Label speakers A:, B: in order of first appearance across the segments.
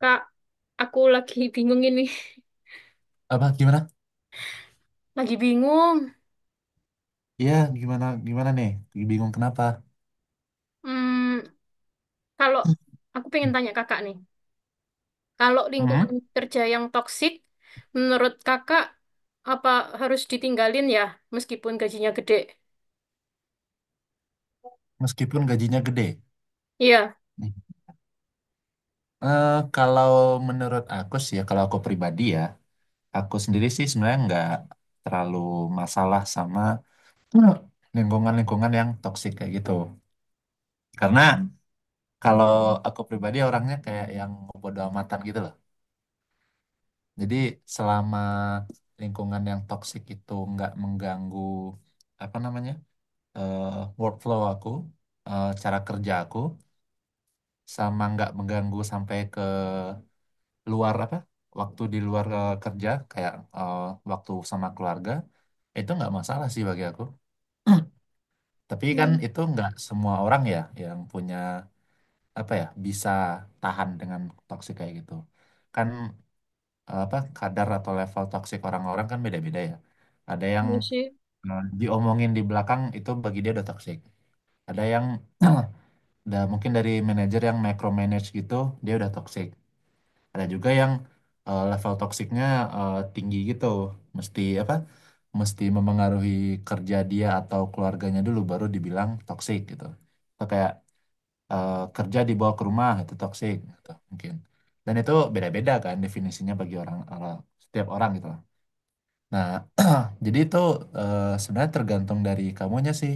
A: Kak, aku lagi bingung ini.
B: Apa gimana?
A: Lagi bingung.
B: Iya, gimana gimana nih? Bingung kenapa?
A: Hmm, kalau aku pengen tanya kakak nih, kalau
B: Hmm,
A: lingkungan kerja yang toksik, menurut kakak apa harus ditinggalin ya, meskipun gajinya gede?
B: Meskipun gajinya gede.
A: Iya.
B: Hmm. Kalau menurut aku sih ya, kalau aku pribadi ya, aku sendiri sih sebenarnya nggak terlalu masalah sama eh, lingkungan-lingkungan yang toksik kayak gitu. Karena kalau aku pribadi orangnya kayak yang bodo amatan gitu loh. Jadi selama lingkungan yang toksik itu nggak mengganggu apa namanya? eh, Workflow aku, cara kerja aku, sama nggak mengganggu sampai ke luar apa, waktu di luar kerja, kayak waktu sama keluarga, itu nggak masalah sih bagi aku. Tapi kan
A: Hmm,
B: itu nggak semua orang ya yang punya apa ya bisa tahan dengan toksik kayak gitu. Kan apa kadar atau level toksik orang-orang kan beda-beda ya. Ada yang
A: iya sih.
B: diomongin di belakang itu bagi dia udah toksik. Ada yang mungkin dari manajer yang micromanage gitu, dia udah toxic. Ada juga yang level toksiknya tinggi gitu, mesti apa mesti memengaruhi kerja dia atau keluarganya dulu baru dibilang toxic gitu. Atau kayak kerja dibawa ke rumah itu toxic gitu mungkin. Dan itu beda-beda kan definisinya bagi orang orang setiap orang gitu lah. Nah, jadi itu sebenarnya tergantung dari kamunya sih.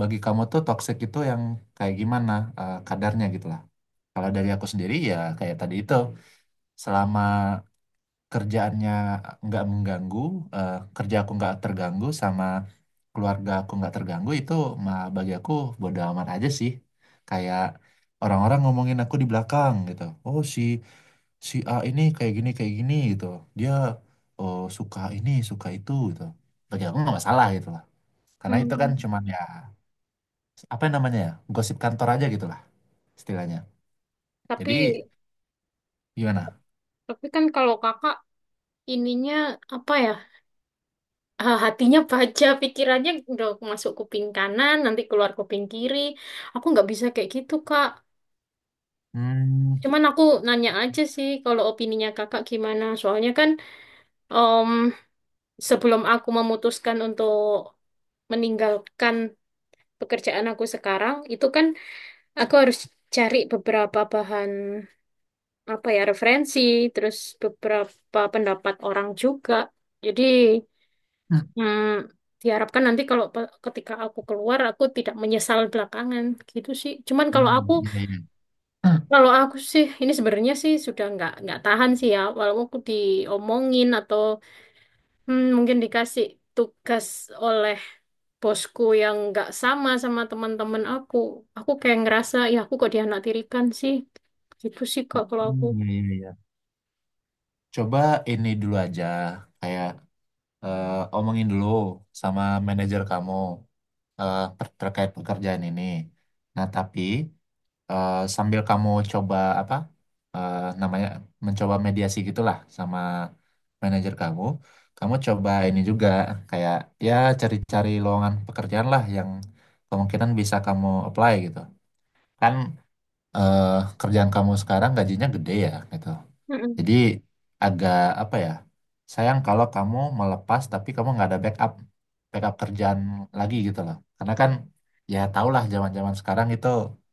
B: Bagi kamu tuh toxic itu yang kayak gimana kadarnya gitu lah. Kalau dari aku sendiri ya kayak tadi itu, selama kerjaannya nggak mengganggu, kerja aku nggak terganggu, sama keluarga aku nggak terganggu, itu mah bagi aku bodo amat aja sih. Kayak orang-orang ngomongin aku di belakang gitu. Oh, si si A ini kayak gini gitu. Dia, oh, suka ini suka itu gitu. Bagi aku nggak masalah gitu lah. Karena itu kan
A: Hmm.
B: cuman ya apa namanya ya gosip kantor aja gitu lah istilahnya.
A: Tapi,
B: Jadi gimana?
A: tapi kan kalau kakak ininya apa ya? Hatinya baja, pikirannya udah masuk kuping kanan, nanti keluar kuping kiri. Aku nggak bisa kayak gitu, Kak.
B: Hmm.
A: Cuman aku nanya aja sih kalau opininya kakak gimana. Soalnya kan em, sebelum aku memutuskan untuk meninggalkan pekerjaan aku sekarang, itu kan aku harus cari beberapa bahan apa ya referensi, terus beberapa pendapat orang juga. Jadi hmm, diharapkan nanti kalau ketika aku keluar aku tidak menyesal belakangan gitu sih. Cuman kalau
B: Hmm,
A: aku
B: iya, iya.
A: Kalau aku sih, ini sebenarnya sih sudah nggak tahan sih ya. Walaupun aku diomongin atau mungkin dikasih tugas oleh bosku yang nggak sama sama teman-teman aku kayak ngerasa ya aku kok dianak tirikan sih. Gitu sih kak kalau aku.
B: Hmm, iya, iya, iya. Coba ini dulu aja, kayak omongin dulu sama manajer kamu, terkait pekerjaan ini. Nah, tapi sambil kamu coba apa namanya mencoba mediasi gitulah sama manajer kamu, kamu coba ini juga kayak ya cari-cari lowongan pekerjaan lah yang kemungkinan bisa kamu apply gitu. Kan eh, kerjaan kamu sekarang gajinya gede ya gitu.
A: Mm-mm.
B: Jadi agak apa ya? Sayang kalau kamu melepas tapi kamu nggak ada backup backup kerjaan lagi gitu loh. Karena kan ya tau lah zaman-zaman sekarang itu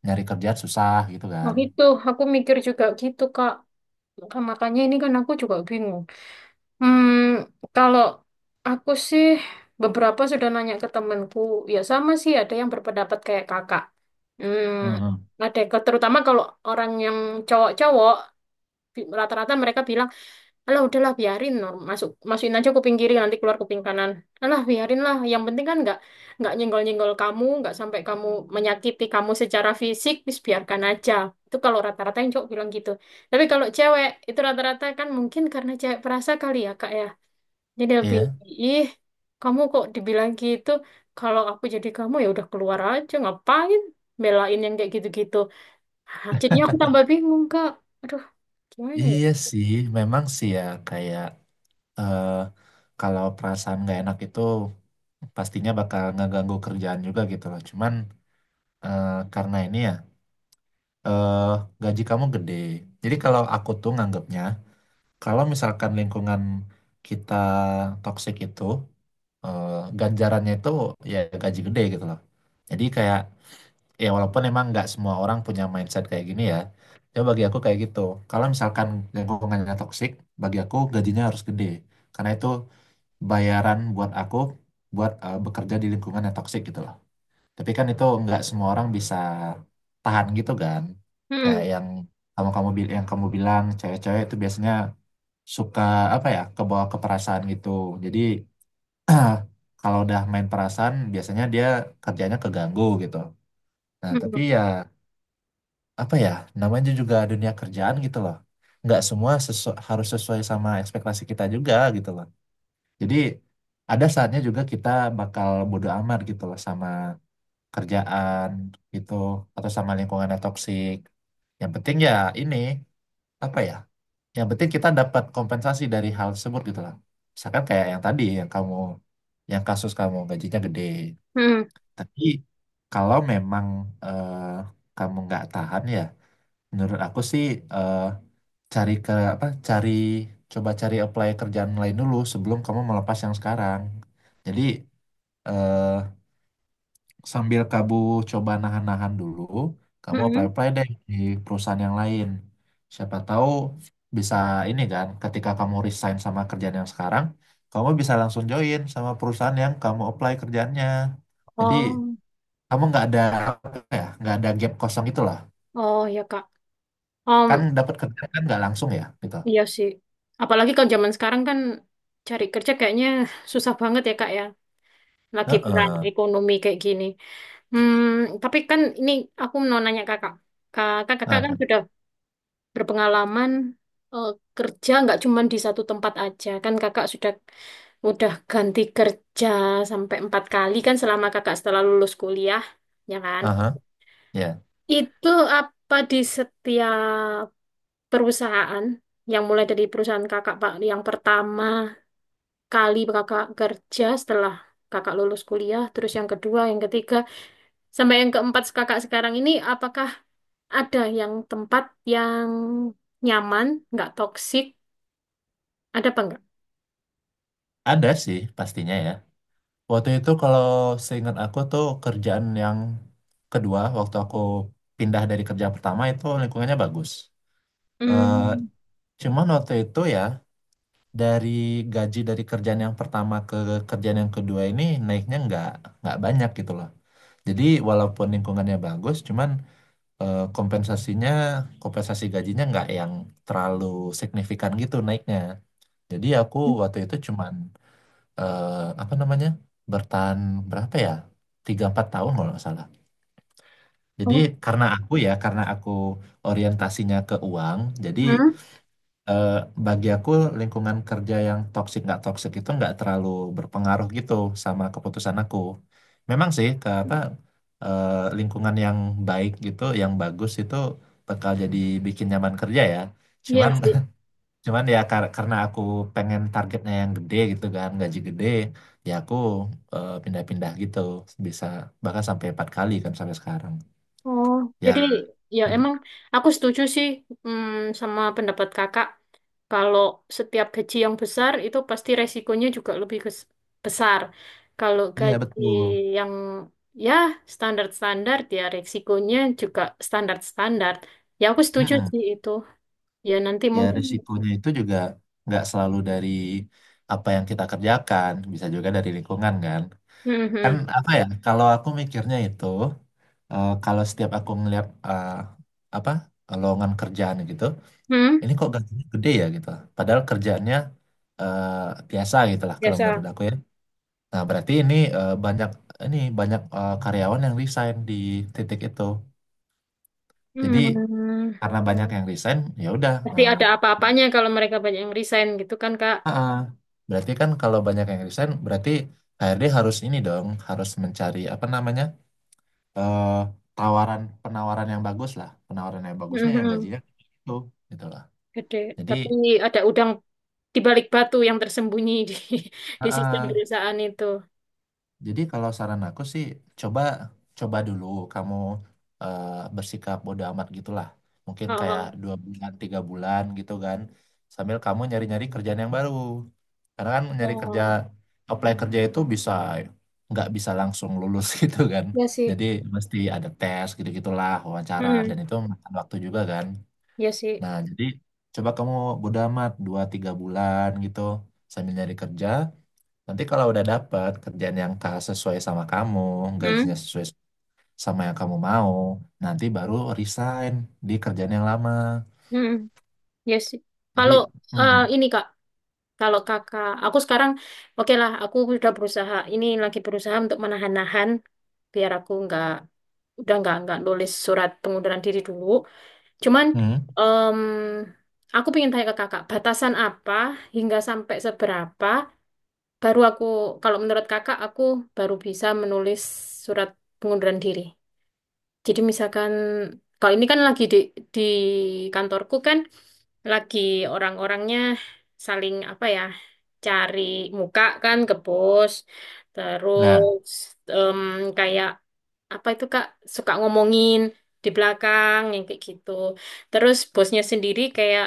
B: nyari kerjaan susah gitu
A: Nah
B: kan.
A: itu aku mikir juga gitu kak. Makanya ini kan aku juga bingung. Hmm, kalau aku sih beberapa sudah nanya ke temenku, ya sama sih ada yang berpendapat kayak kakak. Hmm,
B: Mhm.
A: ada terutama kalau orang yang cowok-cowok rata-rata mereka bilang, alah udahlah biarin masukin aja kuping kiri nanti keluar kuping kanan. Alah biarin lah, yang penting kan nggak nyenggol-nyenggol kamu, nggak sampai kamu menyakiti kamu secara fisik, biarkan aja. Itu kalau rata-rata yang cowok bilang gitu. Tapi kalau cewek itu rata-rata kan mungkin karena cewek perasa kali ya kak ya. Jadi lebih,
B: Iya.
A: ih, kamu kok dibilang gitu, kalau aku jadi kamu ya udah keluar aja, ngapain belain yang kayak gitu-gitu. Ah, jadinya aku tambah bingung, Kak. Aduh, gimana ya?
B: Iya sih, memang sih ya kayak eh, kalau perasaan nggak enak itu pastinya bakal ngeganggu kerjaan juga gitu loh. Cuman eh, karena ini ya eh, gaji kamu gede. Jadi kalau aku tuh nganggapnya kalau misalkan lingkungan kita toksik itu, eh, ganjarannya itu ya gaji gede gitu loh. Jadi kayak ya walaupun emang nggak semua orang punya mindset kayak gini ya, ya bagi aku kayak gitu. Kalau misalkan lingkungannya toksik, bagi aku gajinya harus gede. Karena itu bayaran buat aku buat bekerja di lingkungan yang toksik gitu loh. Tapi kan itu nggak semua orang bisa tahan gitu kan. Kayak
A: Mm-mm,
B: yang kamu kamu yang kamu bilang, cewek-cewek itu biasanya suka apa ya kebawa ke perasaan gitu. Jadi kalau udah main perasaan biasanya dia kerjanya keganggu gitu. Nah tapi
A: mm-mm,
B: ya apa ya, namanya juga dunia kerjaan gitu loh, nggak semua harus sesuai sama ekspektasi kita juga gitu loh. Jadi ada saatnya juga kita bakal bodo amat gitu loh sama kerjaan gitu, atau sama lingkungan yang toksik. Yang penting ya ini apa ya, yang penting kita dapat kompensasi dari hal tersebut gitu lah. Misalkan kayak yang tadi, yang kasus kamu gajinya gede.
A: mm-mm,
B: Tapi kalau memang eh, kamu nggak tahan ya, menurut aku sih eh, cari ke apa cari coba cari apply kerjaan lain dulu sebelum kamu melepas yang sekarang. Jadi eh, sambil kamu coba nahan-nahan dulu, kamu
A: mm-mm.
B: apply-apply deh di perusahaan yang lain. Siapa tahu bisa, ini kan ketika kamu resign sama kerjaan yang sekarang, kamu bisa langsung join sama perusahaan yang kamu apply kerjaannya. Jadi
A: Oh,
B: kamu nggak ada apa ya, nggak ada gap kosong itulah.
A: oh ya, Kak.
B: Kan
A: Um,
B: dapat kerjaan kan nggak langsung ya, gitu.
A: iya sih. Apalagi kalau zaman sekarang kan cari kerja kayaknya susah banget ya, Kak ya. Lagi perang
B: Heeh.
A: ekonomi kayak gini. Hmm, tapi kan ini aku mau nanya Kakak. Kakak
B: Apa?
A: kan sudah berpengalaman eh, kerja nggak cuma di satu tempat aja. Kan kakak udah ganti kerja sampai empat kali kan selama kakak setelah lulus kuliah, ya kan?
B: Aha, ya,
A: Itu apa di setiap perusahaan yang mulai dari perusahaan kakak Pak yang pertama kali kakak kerja setelah kakak lulus kuliah, terus yang kedua, yang ketiga, sampai yang keempat kakak sekarang ini, apakah ada yang tempat yang nyaman, nggak toksik, ada apa enggak?
B: ada sih pastinya ya. Waktu itu kalau seingat aku tuh kerjaan yang kedua waktu aku pindah dari kerja pertama itu lingkungannya bagus. Eh,
A: Hmm.
B: cuman waktu itu ya dari gaji dari kerjaan yang pertama ke kerjaan yang kedua ini naiknya nggak banyak gitu loh. Jadi walaupun lingkungannya bagus, cuman eh, kompensasinya kompensasi gajinya nggak yang terlalu signifikan gitu naiknya. Jadi aku waktu itu cuman eh, apa namanya bertahan berapa ya 3-4 tahun kalau nggak salah. Jadi
A: Oh,
B: karena aku orientasinya ke uang. Jadi
A: hmm?
B: eh, bagi aku lingkungan kerja yang toksik nggak toksik itu nggak terlalu berpengaruh gitu sama keputusan aku. Memang sih ke apa eh, lingkungan yang baik gitu, yang bagus itu bakal jadi bikin nyaman kerja ya.
A: Iya
B: Cuman
A: sih.
B: Cuman ya karena aku pengen targetnya yang gede gitu kan, gaji gede, ya aku pindah-pindah gitu. Bisa bahkan sampai 4 kali kan sampai sekarang.
A: Oh,
B: Ya,
A: jadi ya emang aku setuju sih sama pendapat kakak. Kalau setiap gaji yang besar itu pasti resikonya juga lebih besar. Kalau
B: iya
A: gaji
B: betul.
A: yang ya standar-standar ya resikonya juga standar-standar. Ya aku setuju
B: Mm-mm.
A: sih itu. Ya nanti
B: Ya
A: mungkin.
B: risikonya itu juga nggak selalu dari apa yang kita kerjakan, bisa juga dari lingkungan kan. Kan
A: Mhm.
B: apa ya, kalau aku mikirnya itu, kalau setiap aku ngeliat apa lowongan kerjaan gitu,
A: Hmm,
B: ini kok gajinya gede ya gitu. Padahal kerjaannya eh, biasa gitulah kalau menurut
A: biasa.
B: aku ya. Nah, berarti ini banyak karyawan yang resign di titik itu. Jadi
A: Hmm.
B: karena banyak yang resign, ya udah.
A: Pasti ada apa-apanya kalau mereka banyak yang resign gitu kan Kak.
B: Ah, ah. Berarti kan kalau banyak yang resign, berarti HRD harus ini dong, harus mencari apa namanya eh, penawaran yang bagus lah, penawaran yang bagusnya yang
A: Mhm.
B: gajinya itu, gitulah.
A: Gede.
B: Jadi,
A: Tapi ada udang di balik batu yang tersembunyi di
B: ah,
A: di sistem
B: ah.
A: perusahaan itu.
B: Jadi kalau saran aku sih coba coba dulu, kamu eh, bersikap bodo amat gitulah. Mungkin kayak
A: Oh,
B: 2 bulan 3 bulan gitu kan. Sambil kamu nyari-nyari kerjaan yang baru. Karena kan nyari kerja
A: oh,
B: apply kerja itu nggak bisa langsung lulus gitu kan.
A: ya sih.
B: Jadi mesti ada tes gitu-gitulah, wawancara, dan
A: Hmm,
B: itu makan waktu juga kan.
A: ya sih.
B: Nah jadi coba kamu bodo amat 2-3 bulan gitu sambil nyari kerja. Nanti kalau udah dapat kerjaan yang sesuai sama kamu, gajinya
A: Hmm,
B: sesuai sama yang kamu mau, nanti baru resign di kerjaan yang lama.
A: hmm, ya sih. Kalau
B: Jadi, hmm,
A: ini Kak, kalau Kakak, aku sekarang oke lah, aku udah berusaha. Ini lagi berusaha untuk menahan-nahan biar aku nggak udah nggak nulis surat pengunduran diri dulu. Cuman
B: hmm,
A: em, aku pengen tanya ke Kakak, batasan apa hingga sampai seberapa? Baru aku, kalau menurut kakak, aku baru bisa menulis surat pengunduran diri. Jadi misalkan, kalau ini kan lagi di kantorku kan, lagi orang-orangnya saling apa ya, cari muka kan ke bos,
B: nah,
A: terus em, kayak apa itu Kak suka ngomongin di belakang yang kayak gitu. Terus bosnya sendiri kayak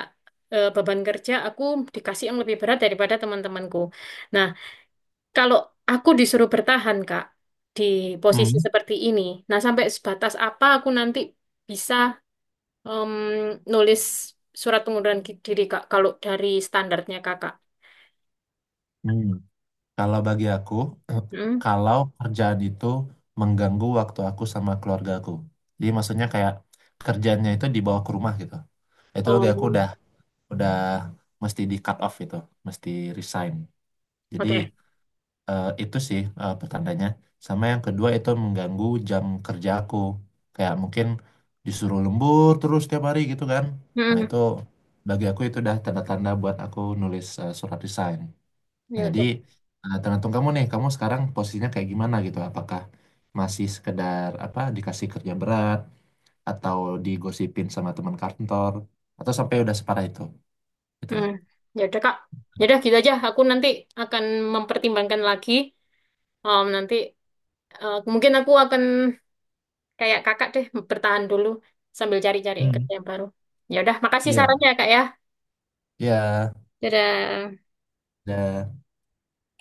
A: beban kerja aku dikasih yang lebih berat daripada teman-temanku. Nah, kalau aku disuruh bertahan, Kak, di posisi
B: hmm,
A: seperti ini, nah sampai sebatas apa aku nanti bisa em, nulis surat pengunduran diri, Kak, kalau dari standarnya Kakak.
B: hmm. Kalau bagi aku,
A: Hmm?
B: kalau kerjaan itu mengganggu waktu aku sama keluarga aku, jadi maksudnya kayak kerjaannya itu dibawa ke rumah gitu. Itu bagi aku
A: Oh,
B: udah mesti di cut off, itu mesti resign. Jadi
A: oke.
B: Itu sih pertandanya. Sama yang kedua itu mengganggu jam kerja aku. Kayak mungkin disuruh lembur terus tiap hari gitu kan. Nah
A: Hmm,
B: itu bagi aku itu udah tanda-tanda buat aku nulis surat resign. Nah,
A: ya
B: jadi
A: udah.
B: tergantung kamu nih, kamu sekarang posisinya kayak gimana gitu. Apakah masih sekedar apa dikasih kerja berat, atau digosipin sama teman kantor, atau sampai udah separah itu gitu
A: Hmm,
B: loh.
A: ya udah, Kak. Ya udah gitu aja. Aku nanti akan mempertimbangkan lagi. Nanti mungkin aku akan kayak Kakak deh bertahan dulu sambil cari-cari
B: Hmm.
A: kerja yang baru. Ya udah, makasih
B: Iya,
A: sarannya, Kak ya.
B: iya.
A: Dadah.
B: Dan